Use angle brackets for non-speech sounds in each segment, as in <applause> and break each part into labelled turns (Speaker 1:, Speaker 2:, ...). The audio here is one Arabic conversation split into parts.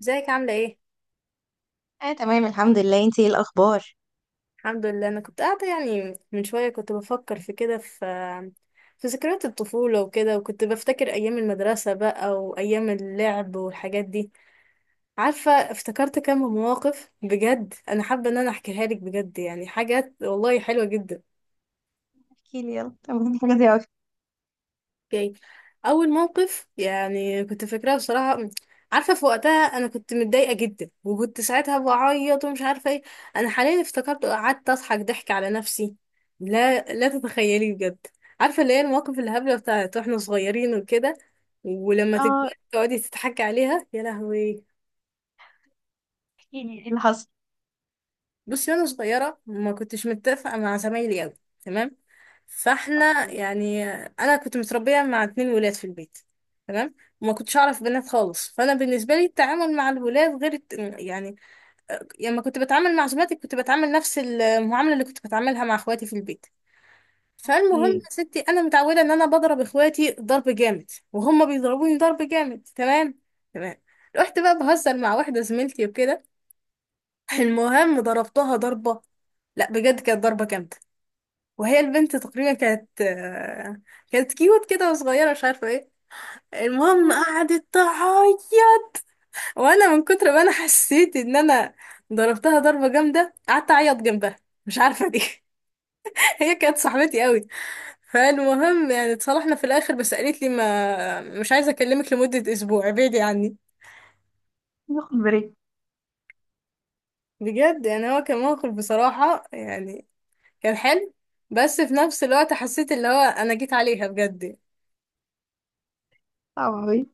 Speaker 1: ازيك، عاملة ايه؟
Speaker 2: اه، تمام الحمد لله. انتي ايه الاخبار؟
Speaker 1: الحمد لله، انا كنت قاعدة يعني من شوية كنت بفكر في كده في ذكريات الطفولة وكده، وكنت بفتكر ايام المدرسة بقى وايام اللعب والحاجات دي. عارفة، افتكرت كم مواقف بجد، انا حابة ان انا احكيها لك، بجد يعني حاجات والله حلوة جدا.
Speaker 2: احكي لي يلا. تمام، حاجه زي اوي.
Speaker 1: اوكي. اول موقف يعني كنت فاكراه بصراحه. عارفه في وقتها انا كنت متضايقه جدا، وكنت ساعتها بعيط ومش عارفه ايه. انا حاليا افتكرت قعدت اضحك ضحك على نفسي. لا لا، تتخيلي بجد. عارفه، اللي هي المواقف الهبله بتاعت واحنا صغيرين وكده، ولما تكبري
Speaker 2: اه
Speaker 1: تقعدي تضحكي عليها، يا لهوي.
Speaker 2: احكي لي ايه اللي حصل.
Speaker 1: بصي، وانا صغيره ما كنتش متفقه مع زمايلي قوي. تمام. فاحنا
Speaker 2: اوكي.
Speaker 1: يعني، انا كنت متربيه مع اتنين ولاد في البيت. تمام. وما كنتش اعرف بنات خالص، فانا بالنسبه لي التعامل مع الولاد غير يعني لما كنت بتعامل مع زملاتي كنت بتعامل نفس المعامله اللي كنت بتعاملها مع اخواتي في البيت. فالمهم
Speaker 2: اوكي.
Speaker 1: يا ستي، انا متعوده ان انا بضرب اخواتي ضرب جامد وهم بيضربوني ضرب جامد، تمام. تمام. رحت بقى بهزر مع واحده زميلتي وكده، المهم ضربتها ضربه، لا بجد كانت ضربه جامده. وهي البنت تقريبا كانت كانت كيوت كده وصغيرة، مش عارفة ايه. المهم قعدت تعيط. وانا من كتر ما انا حسيت ان انا ضربتها ضربة جامدة قعدت اعيط جنبها، مش عارفة دي. <laughs> هي كانت صاحبتي قوي. فالمهم يعني اتصالحنا في الاخر، بس قالت لي ما مش عايزة اكلمك لمدة اسبوع، ابعدي عني.
Speaker 2: ناخد بريك.
Speaker 1: بجد يعني هو كان موقف بصراحة، يعني كان حلو، بس في نفس الوقت حسيت اللي هو انا جيت عليها بجد.
Speaker 2: صعب اوي.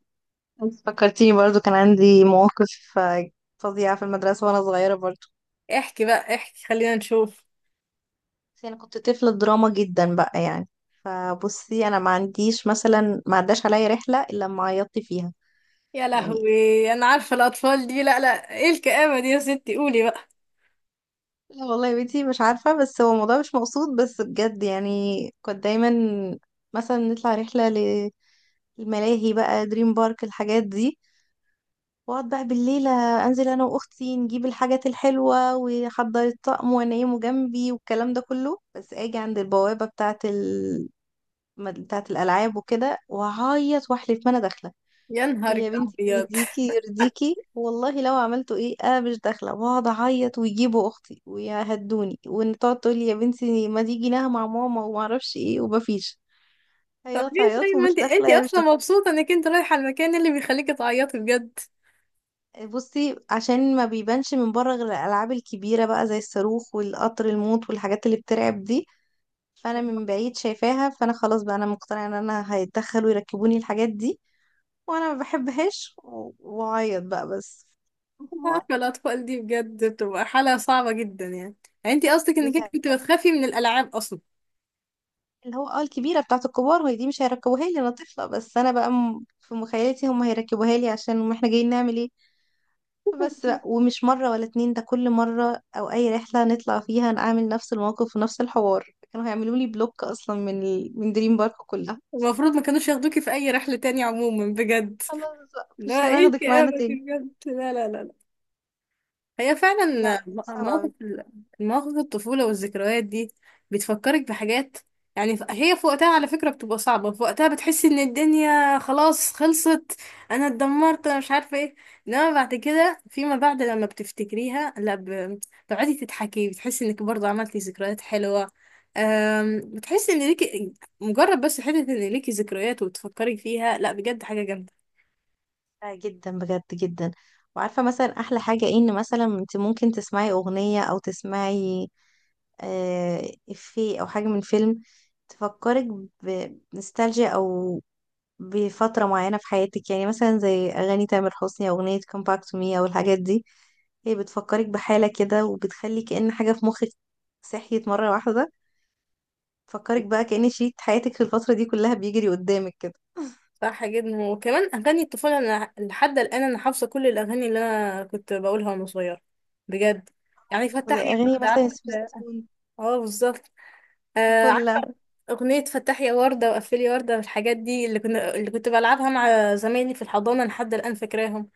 Speaker 2: انت فكرتيني برضو كان عندي مواقف فظيعه في المدرسه وانا صغيره برضو.
Speaker 1: احكي بقى، احكي، خلينا نشوف.
Speaker 2: بس انا كنت طفله دراما جدا بقى، فبصي انا ما عنديش مثلا ما عداش عليا رحله الا لما عيطت فيها.
Speaker 1: يا
Speaker 2: يعني
Speaker 1: لهوي، انا عارفه الاطفال دي، لا لا، ايه الكآبه دي يا ستي، قولي بقى.
Speaker 2: لا والله يا بنتي مش عارفة، بس هو الموضوع مش مقصود، بس بجد كنت دايما مثلا نطلع رحلة للملاهي بقى، دريم بارك الحاجات دي، واقعد بقى بالليل انزل انا واختي نجيب الحاجات الحلوة واحضر الطقم وانيمه جنبي والكلام ده كله، بس اجي عند البوابة بتاعة بتاعة الالعاب وكده واعيط واحلف ما انا داخلة.
Speaker 1: يا نهارك
Speaker 2: ويا بنتي
Speaker 1: ابيض.
Speaker 2: يهديكي يرضيكي والله لو عملتوا ايه انا مش داخله، واقعد اعيط ويجيبوا اختي ويهدوني وان تقعد تقولي يا بنتي ما دي جيناها مع ماما وما اعرفش ايه، ومفيش،
Speaker 1: طب
Speaker 2: عياط
Speaker 1: ليه
Speaker 2: عياط
Speaker 1: طيب، ما
Speaker 2: ومش
Speaker 1: انت
Speaker 2: داخله
Speaker 1: انت
Speaker 2: يا مش
Speaker 1: اصلا
Speaker 2: داخله.
Speaker 1: مبسوطه انك انت رايحه المكان اللي بيخليكي تعيطي بجد.
Speaker 2: بصي، عشان ما بيبانش من بره غير الالعاب الكبيره بقى زي الصاروخ والقطر الموت والحاجات اللي بترعب دي، فانا من بعيد شايفاها، فانا خلاص بقى انا مقتنعه ان انا هيتدخلوا يركبوني الحاجات دي وانا ما بحبهاش واعيط بقى بس.
Speaker 1: انا
Speaker 2: هو
Speaker 1: عارفه الاطفال دي بجد بتبقى حاله صعبه جدا يعني. يعني انت قصدك
Speaker 2: دي
Speaker 1: انك انت كنت
Speaker 2: كارثه،
Speaker 1: بتخافي من الالعاب اصلا.
Speaker 2: اللي هو اه الكبيرة بتاعة الكبار وهي دي مش هيركبوها لي انا طفلة، بس انا بقى في مخيلتي هم هيركبوها لي، عشان ما احنا جايين نعمل ايه بس بقى. ومش مرة ولا اتنين، ده كل مرة او اي رحلة نطلع فيها نعمل نفس الموقف ونفس الحوار. كانوا هيعملوا لي بلوك اصلا من من دريم بارك كلها.
Speaker 1: المفروض ما كانوش ياخدوكي في اي رحله تانية عموما بجد.
Speaker 2: خلاص بقى مش
Speaker 1: لا، ايه
Speaker 2: هناخدك معانا
Speaker 1: الكآبه دي
Speaker 2: تاني.
Speaker 1: بجد، لا لا لا. هي
Speaker 2: لا،
Speaker 1: فعلا
Speaker 2: كانت صعبة
Speaker 1: مواقف
Speaker 2: أوي.
Speaker 1: مواقف الطفولة والذكريات دي بتفكرك بحاجات. يعني هي في وقتها على فكرة بتبقى صعبة، في وقتها بتحس ان الدنيا خلاص خلصت، انا اتدمرت، انا مش عارفة ايه. انما بعد كده فيما بعد لما بتفتكريها لا بتقعدي تضحكي، بتحسي انك برضه عملتي ذكريات حلوة. بتحسي ان ليكي، مجرد بس حتة ان ليكي ذكريات وتفكري فيها، لا بجد حاجة جامدة.
Speaker 2: لا جدا، بجد جدا. وعارفة مثلا احلى حاجة ايه؟ ان مثلا انت ممكن تسمعي اغنية او تسمعي آه، إفيه أو حاجة من فيلم تفكرك بنوستالجيا أو بفترة معينة في حياتك، يعني مثلا زي أغاني تامر حسني أو أغنية Come Back to Me أو الحاجات دي. هي بتفكرك بحالة كده وبتخلي كأن حاجة في مخك صحيت مرة واحدة، تفكرك بقى كأن شريط حياتك في الفترة دي كلها بيجري قدامك كده.
Speaker 1: صح جدا. وكمان اغاني الطفوله، انا لحد الان انا حافظه كل الاغاني اللي انا كنت بقولها وانا صغيره بجد. يعني
Speaker 2: زي
Speaker 1: فتح يا
Speaker 2: أغاني
Speaker 1: ورده،
Speaker 2: مثلا
Speaker 1: عارفه؟
Speaker 2: سبيستون
Speaker 1: اه بالظبط. آه عارفه.
Speaker 2: وفلة.
Speaker 1: اغنيه فتح يا ورده وقفلي ورده والحاجات دي اللي كنت بلعبها مع زمايلي في الحضانه، لحد الان فاكراهم.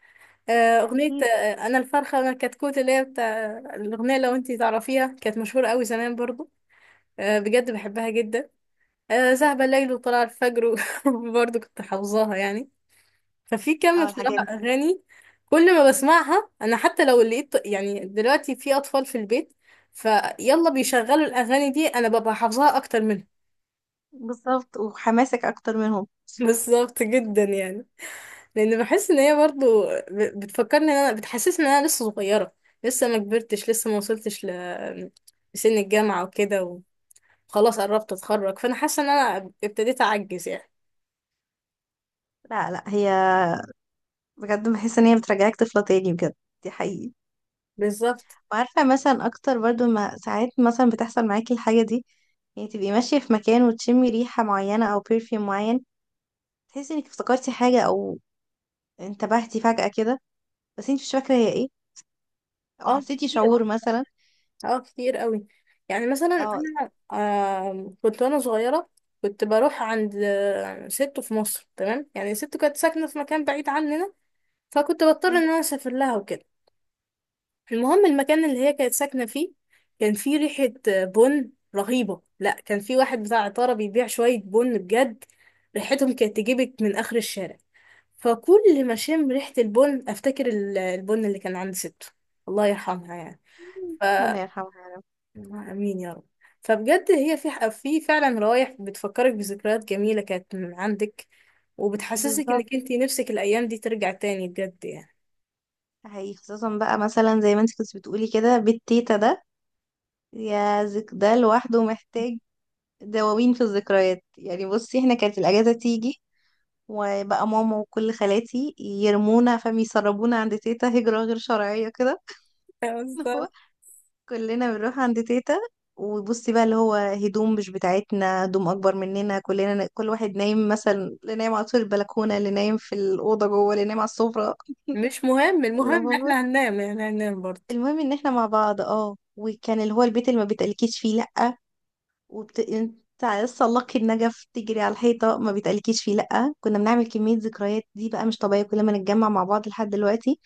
Speaker 2: لا،
Speaker 1: اغنيه
Speaker 2: أكيد.
Speaker 1: انا الفرخه انا الكتكوت، اللي هي بتاع الاغنيه، لو انتي تعرفيها كانت مشهوره قوي زمان برضو. آه بجد بحبها جدا. ذهب الليل وطلع الفجر <laughs> برضو كنت حافظاها يعني. ففي كم
Speaker 2: اه الحاجات
Speaker 1: بصراحة
Speaker 2: دي.
Speaker 1: أغاني، كل ما بسمعها أنا حتى لو لقيت يعني دلوقتي في أطفال في البيت فيلا بيشغلوا الأغاني دي، أنا ببقى حافظاها أكتر منهم.
Speaker 2: بالظبط، وحماسك أكتر منهم.
Speaker 1: <laughs> بالظبط جدا يعني. لأن بحس إن هي برضو بتفكرني إن أنا، بتحسسني إن أنا لسه صغيرة، لسه ما كبرتش، لسه ما وصلتش لسن الجامعة وكده. وخلاص قربت أتخرج، فأنا حاسة إن أنا ابتديت أعجز يعني.
Speaker 2: لا لا، هي بجد بحس إن هي بترجعك طفلة تاني بجد، دي حقيقي.
Speaker 1: بالظبط.
Speaker 2: وعارفة مثلا أكتر برضو ما ساعات مثلا بتحصل معاكي الحاجة دي، يعني تبقي ماشية في مكان وتشمي ريحة معينة أو برفيوم معين، تحسي إنك افتكرتي حاجة أو انتبهتي فجأة كده بس انت مش فاكرة هي ايه، أو
Speaker 1: اه
Speaker 2: حسيتي شعور مثلا
Speaker 1: اه، كتير قوي. يعني مثلا
Speaker 2: أو
Speaker 1: انا كنت وانا صغيره كنت بروح عند ست في مصر، تمام يعني ست كانت ساكنه في مكان بعيد عننا، فكنت بضطر ان انا
Speaker 2: <laughs>
Speaker 1: اسافر لها وكده. المهم المكان اللي هي كانت ساكنه فيه كان فيه ريحه بن رهيبه، لا كان في واحد بتاع عطاره بيبيع شويه بن، بجد ريحتهم كانت تجيبك من اخر الشارع. فكل ما اشم ريحه البن افتكر البن اللي كان عند ست، الله يرحمها يعني.
Speaker 2: ربنا يرحمها.
Speaker 1: امين يا رب. فبجد هي في فعلا روايح بتفكرك بذكريات جميله كانت من عندك، وبتحسسك
Speaker 2: بالظبط
Speaker 1: انك انتي نفسك الايام دي ترجع تاني بجد يعني.
Speaker 2: حقيقي، خصوصا بقى مثلا زي ما انت كنت بتقولي كده بالتيتا ده، يا ذك ده لوحده محتاج دواوين في الذكريات. يعني بصي احنا كانت الأجازة تيجي وبقى ماما وكل خالاتي يرمونا فاهم يسربونا عند تيتا هجرة غير شرعية كده.
Speaker 1: <laughs>
Speaker 2: <laughs> اللي
Speaker 1: بالظبط.
Speaker 2: هو كلنا بنروح عند تيتا. وبصي بقى اللي هو هدوم مش بتاعتنا، هدوم اكبر مننا كلنا، كل واحد نايم مثلا، اللي نايم على طول البلكونة، اللي نايم في الأوضة جوه، اللي نايم على السفرة.
Speaker 1: مش مهم،
Speaker 2: <laughs>
Speaker 1: المهم
Speaker 2: اللي
Speaker 1: إن
Speaker 2: هو
Speaker 1: احنا هننام، يعني هننام برضه.
Speaker 2: المهم ان احنا مع بعض. اه، وكان اللي هو البيت اللي ما بيتقلكيش فيه لأ. انت لسه لقي النجف تجري على الحيطة ما بيتقلكيش فيه لأ. كنا بنعمل كمية ذكريات دي بقى مش طبيعية، كل ما نتجمع مع بعض لحد دلوقتي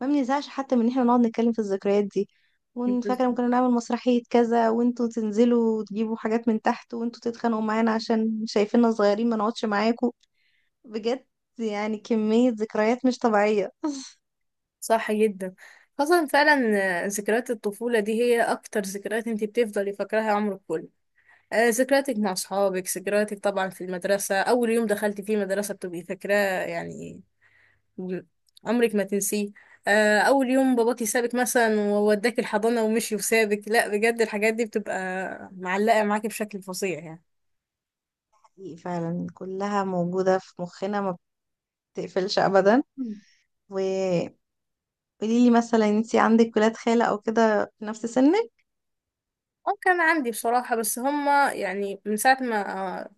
Speaker 2: ما بنزهقش حتى من ان احنا نقعد نتكلم في الذكريات دي. وفاكره
Speaker 1: بالظبط.
Speaker 2: ممكن نعمل مسرحيه كذا وانتوا تنزلوا وتجيبوا حاجات من تحت وانتوا تتخانقوا معانا عشان شايفيننا صغيرين ما نقعدش معاكم. بجد، يعني كميه ذكريات مش طبيعيه.
Speaker 1: صح جدا، خاصة فعلا ذكريات الطفولة دي هي أكتر ذكريات انتي بتفضلي فاكراها عمرك كله. ذكرياتك مع أصحابك، ذكرياتك طبعا في المدرسة، أول يوم دخلتي فيه مدرسة بتبقي فاكراه يعني، عمرك ما تنسيه. اول يوم باباكي سابك مثلا ووداك الحضانة ومشي وسابك، لا بجد الحاجات دي بتبقى معلقة معاكي بشكل فظيع يعني.
Speaker 2: حقيقي فعلا كلها موجوده في مخنا، ما بتقفلش ابدا.
Speaker 1: مم.
Speaker 2: وقولي لي مثلا انتي عندك ولاد خالة او كده في نفس سنك؟
Speaker 1: اه كان عندي بصراحة، بس هما يعني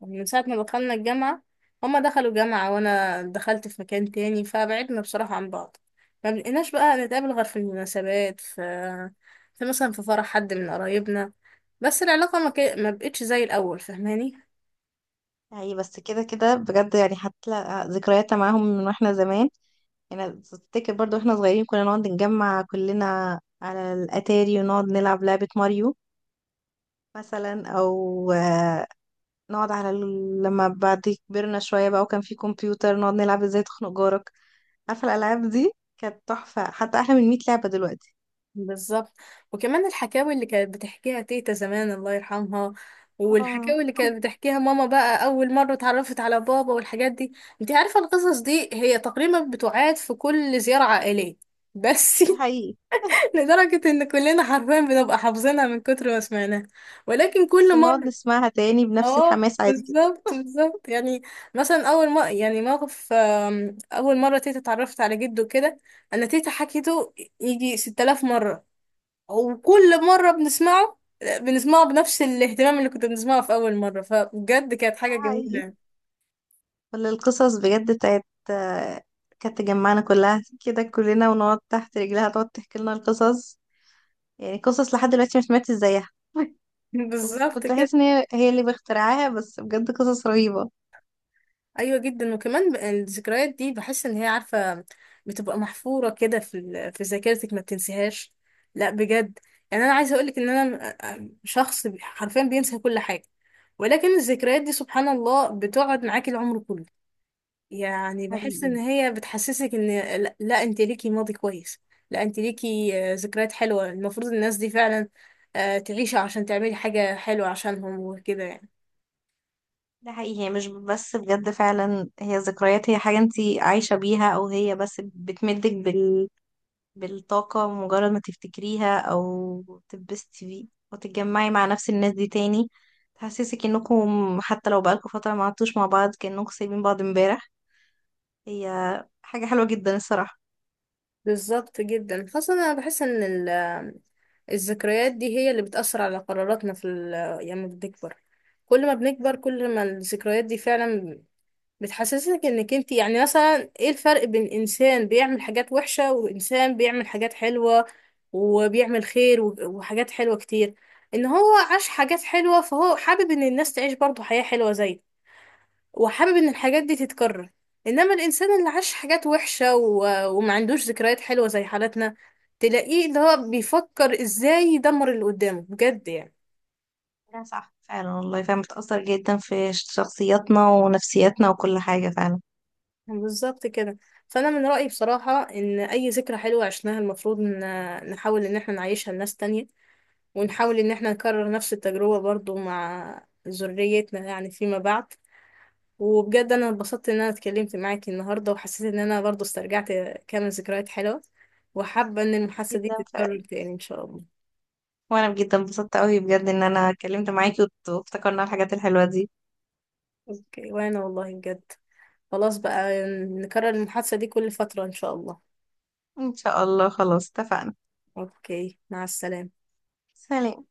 Speaker 1: من ساعة ما دخلنا الجامعة، هما دخلوا جامعة وأنا دخلت في مكان تاني، فبعدنا بصراحة عن بعض. ما بقيناش بقى نتقابل غير في المناسبات، في مثلا في فرح حد من قرايبنا. بس العلاقة ما بقتش زي الأول، فاهماني.
Speaker 2: يعني بس كده كده بجد، هتلاقي ذكريات معاهم من واحنا زمان. يعني تفتكر برضو احنا صغيرين كنا نقعد نجمع كلنا على الاتاري ونقعد نلعب لعبة ماريو مثلا او نقعد على لما بعد كبرنا شوية بقى وكان في كمبيوتر نقعد نلعب ازاي تخنق جارك. عارفة الالعاب دي؟ كانت تحفة، حتى احلى من 100 لعبة دلوقتي.
Speaker 1: بالظبط. وكمان الحكاوي اللي كانت بتحكيها تيتا زمان، الله يرحمها،
Speaker 2: اه
Speaker 1: والحكاوي اللي كانت بتحكيها ماما بقى، أول مرة اتعرفت على بابا والحاجات دي. انت عارفة القصص دي هي تقريبا بتعاد في كل زيارة عائلية، بس
Speaker 2: ده حقيقي،
Speaker 1: <laughs> لدرجة ان كلنا حرفيا بنبقى حافظينها من كتر ما سمعناها. ولكن
Speaker 2: بس
Speaker 1: كل
Speaker 2: بنقعد
Speaker 1: مرة،
Speaker 2: نسمعها تاني بنفس
Speaker 1: اه
Speaker 2: الحماس عادي جدا.
Speaker 1: بالظبط بالظبط يعني. مثلا اول ما يعني موقف، اول مره تيتا اتعرفت على جده كده، انا تيتا حكيته يجي 6000 مره. وكل مرة بنسمعه بنفس الاهتمام اللي كنت بنسمعه في أول مرة، فبجد كانت
Speaker 2: ده
Speaker 1: حاجة جميلة
Speaker 2: حقيقي،
Speaker 1: يعني.
Speaker 2: ولا القصص بجد بتاعت كانت تجمعنا كلها كده كلنا ونقعد تحت رجلها تقعد تحكي لنا القصص، يعني قصص لحد دلوقتي مش ماتت زيها. <laughs>
Speaker 1: <laughs> بالظبط
Speaker 2: كنت
Speaker 1: كده.
Speaker 2: بحس ان هي اللي بخترعاها، بس بجد قصص رهيبة.
Speaker 1: أيوة جدا. وكمان الذكريات دي بحس إن هي، عارفة، بتبقى محفورة كده في في ذاكرتك، ما بتنسيهاش، لا بجد. يعني أنا عايزة أقولك إن أنا شخص حرفيا بينسى كل حاجة، ولكن الذكريات دي سبحان الله بتقعد معاكي العمر كله. يعني بحس ان
Speaker 2: حقيقي.
Speaker 1: هي بتحسسك ان لا, لا انت ليكي ماضي كويس، لا انت ليكي ذكريات حلوة، المفروض الناس دي فعلا تعيش عشان تعملي حاجة حلوة عشانهم وكده يعني.
Speaker 2: ده حقيقي، هي مش بس بجد فعلا هي ذكريات، هي حاجة انتي عايشة بيها او هي بس بتمدك بالطاقة، مجرد ما تفتكريها او تتبسطي بيه وتتجمعي مع نفس الناس دي تاني، تحسسك انكم حتى لو بقالكم فترة ما عدتوش مع بعض كأنكم سايبين بعض امبارح. هي حاجة حلوة جدا الصراحة.
Speaker 1: بالظبط جدا، خاصة انا بحس ان الذكريات دي هي اللي بتأثر على قراراتنا في لما بنكبر. كل ما بنكبر كل ما الذكريات دي فعلا بتحسسك انك انت، يعني مثلا ايه الفرق بين انسان بيعمل حاجات وحشة وانسان بيعمل حاجات حلوة وبيعمل خير وحاجات حلوة كتير؟ ان هو عاش حاجات حلوة، فهو حابب ان الناس تعيش برضه حياة حلوة زيه، وحابب ان الحاجات دي تتكرر. انما الانسان اللي عاش حاجات وحشة وما عندوش ذكريات حلوة زي حالتنا، تلاقيه اللي هو بيفكر ازاي يدمر اللي قدامه بجد يعني.
Speaker 2: لا صح فعلا، والله فعلا بتأثر جدا في شخصياتنا ونفسياتنا وكل حاجة فعلا.
Speaker 1: بالظبط كده. فانا من رايي بصراحه ان اي ذكرى حلوه عشناها المفروض ان نحاول ان احنا نعيشها لناس تانية، ونحاول ان احنا نكرر نفس التجربه برضو مع ذريتنا يعني فيما بعد. وبجد انا اتبسطت ان انا اتكلمت معاكي النهارده، وحسيت ان انا برضو استرجعت كام ذكريات حلوه، وحابه ان المحادثه دي
Speaker 2: جدا فعلا،
Speaker 1: تتكرر تاني ان شاء الله.
Speaker 2: وانا جدا انبسطت قوي بجد ان انا اتكلمت معاكي وافتكرنا الحاجات الحلوة دي.
Speaker 1: اوكي، وانا والله بجد، خلاص بقى نكرر المحادثه دي كل فتره ان شاء الله.
Speaker 2: ان شاء الله، خلاص اتفقنا.
Speaker 1: اوكي، مع السلامه.
Speaker 2: سلام.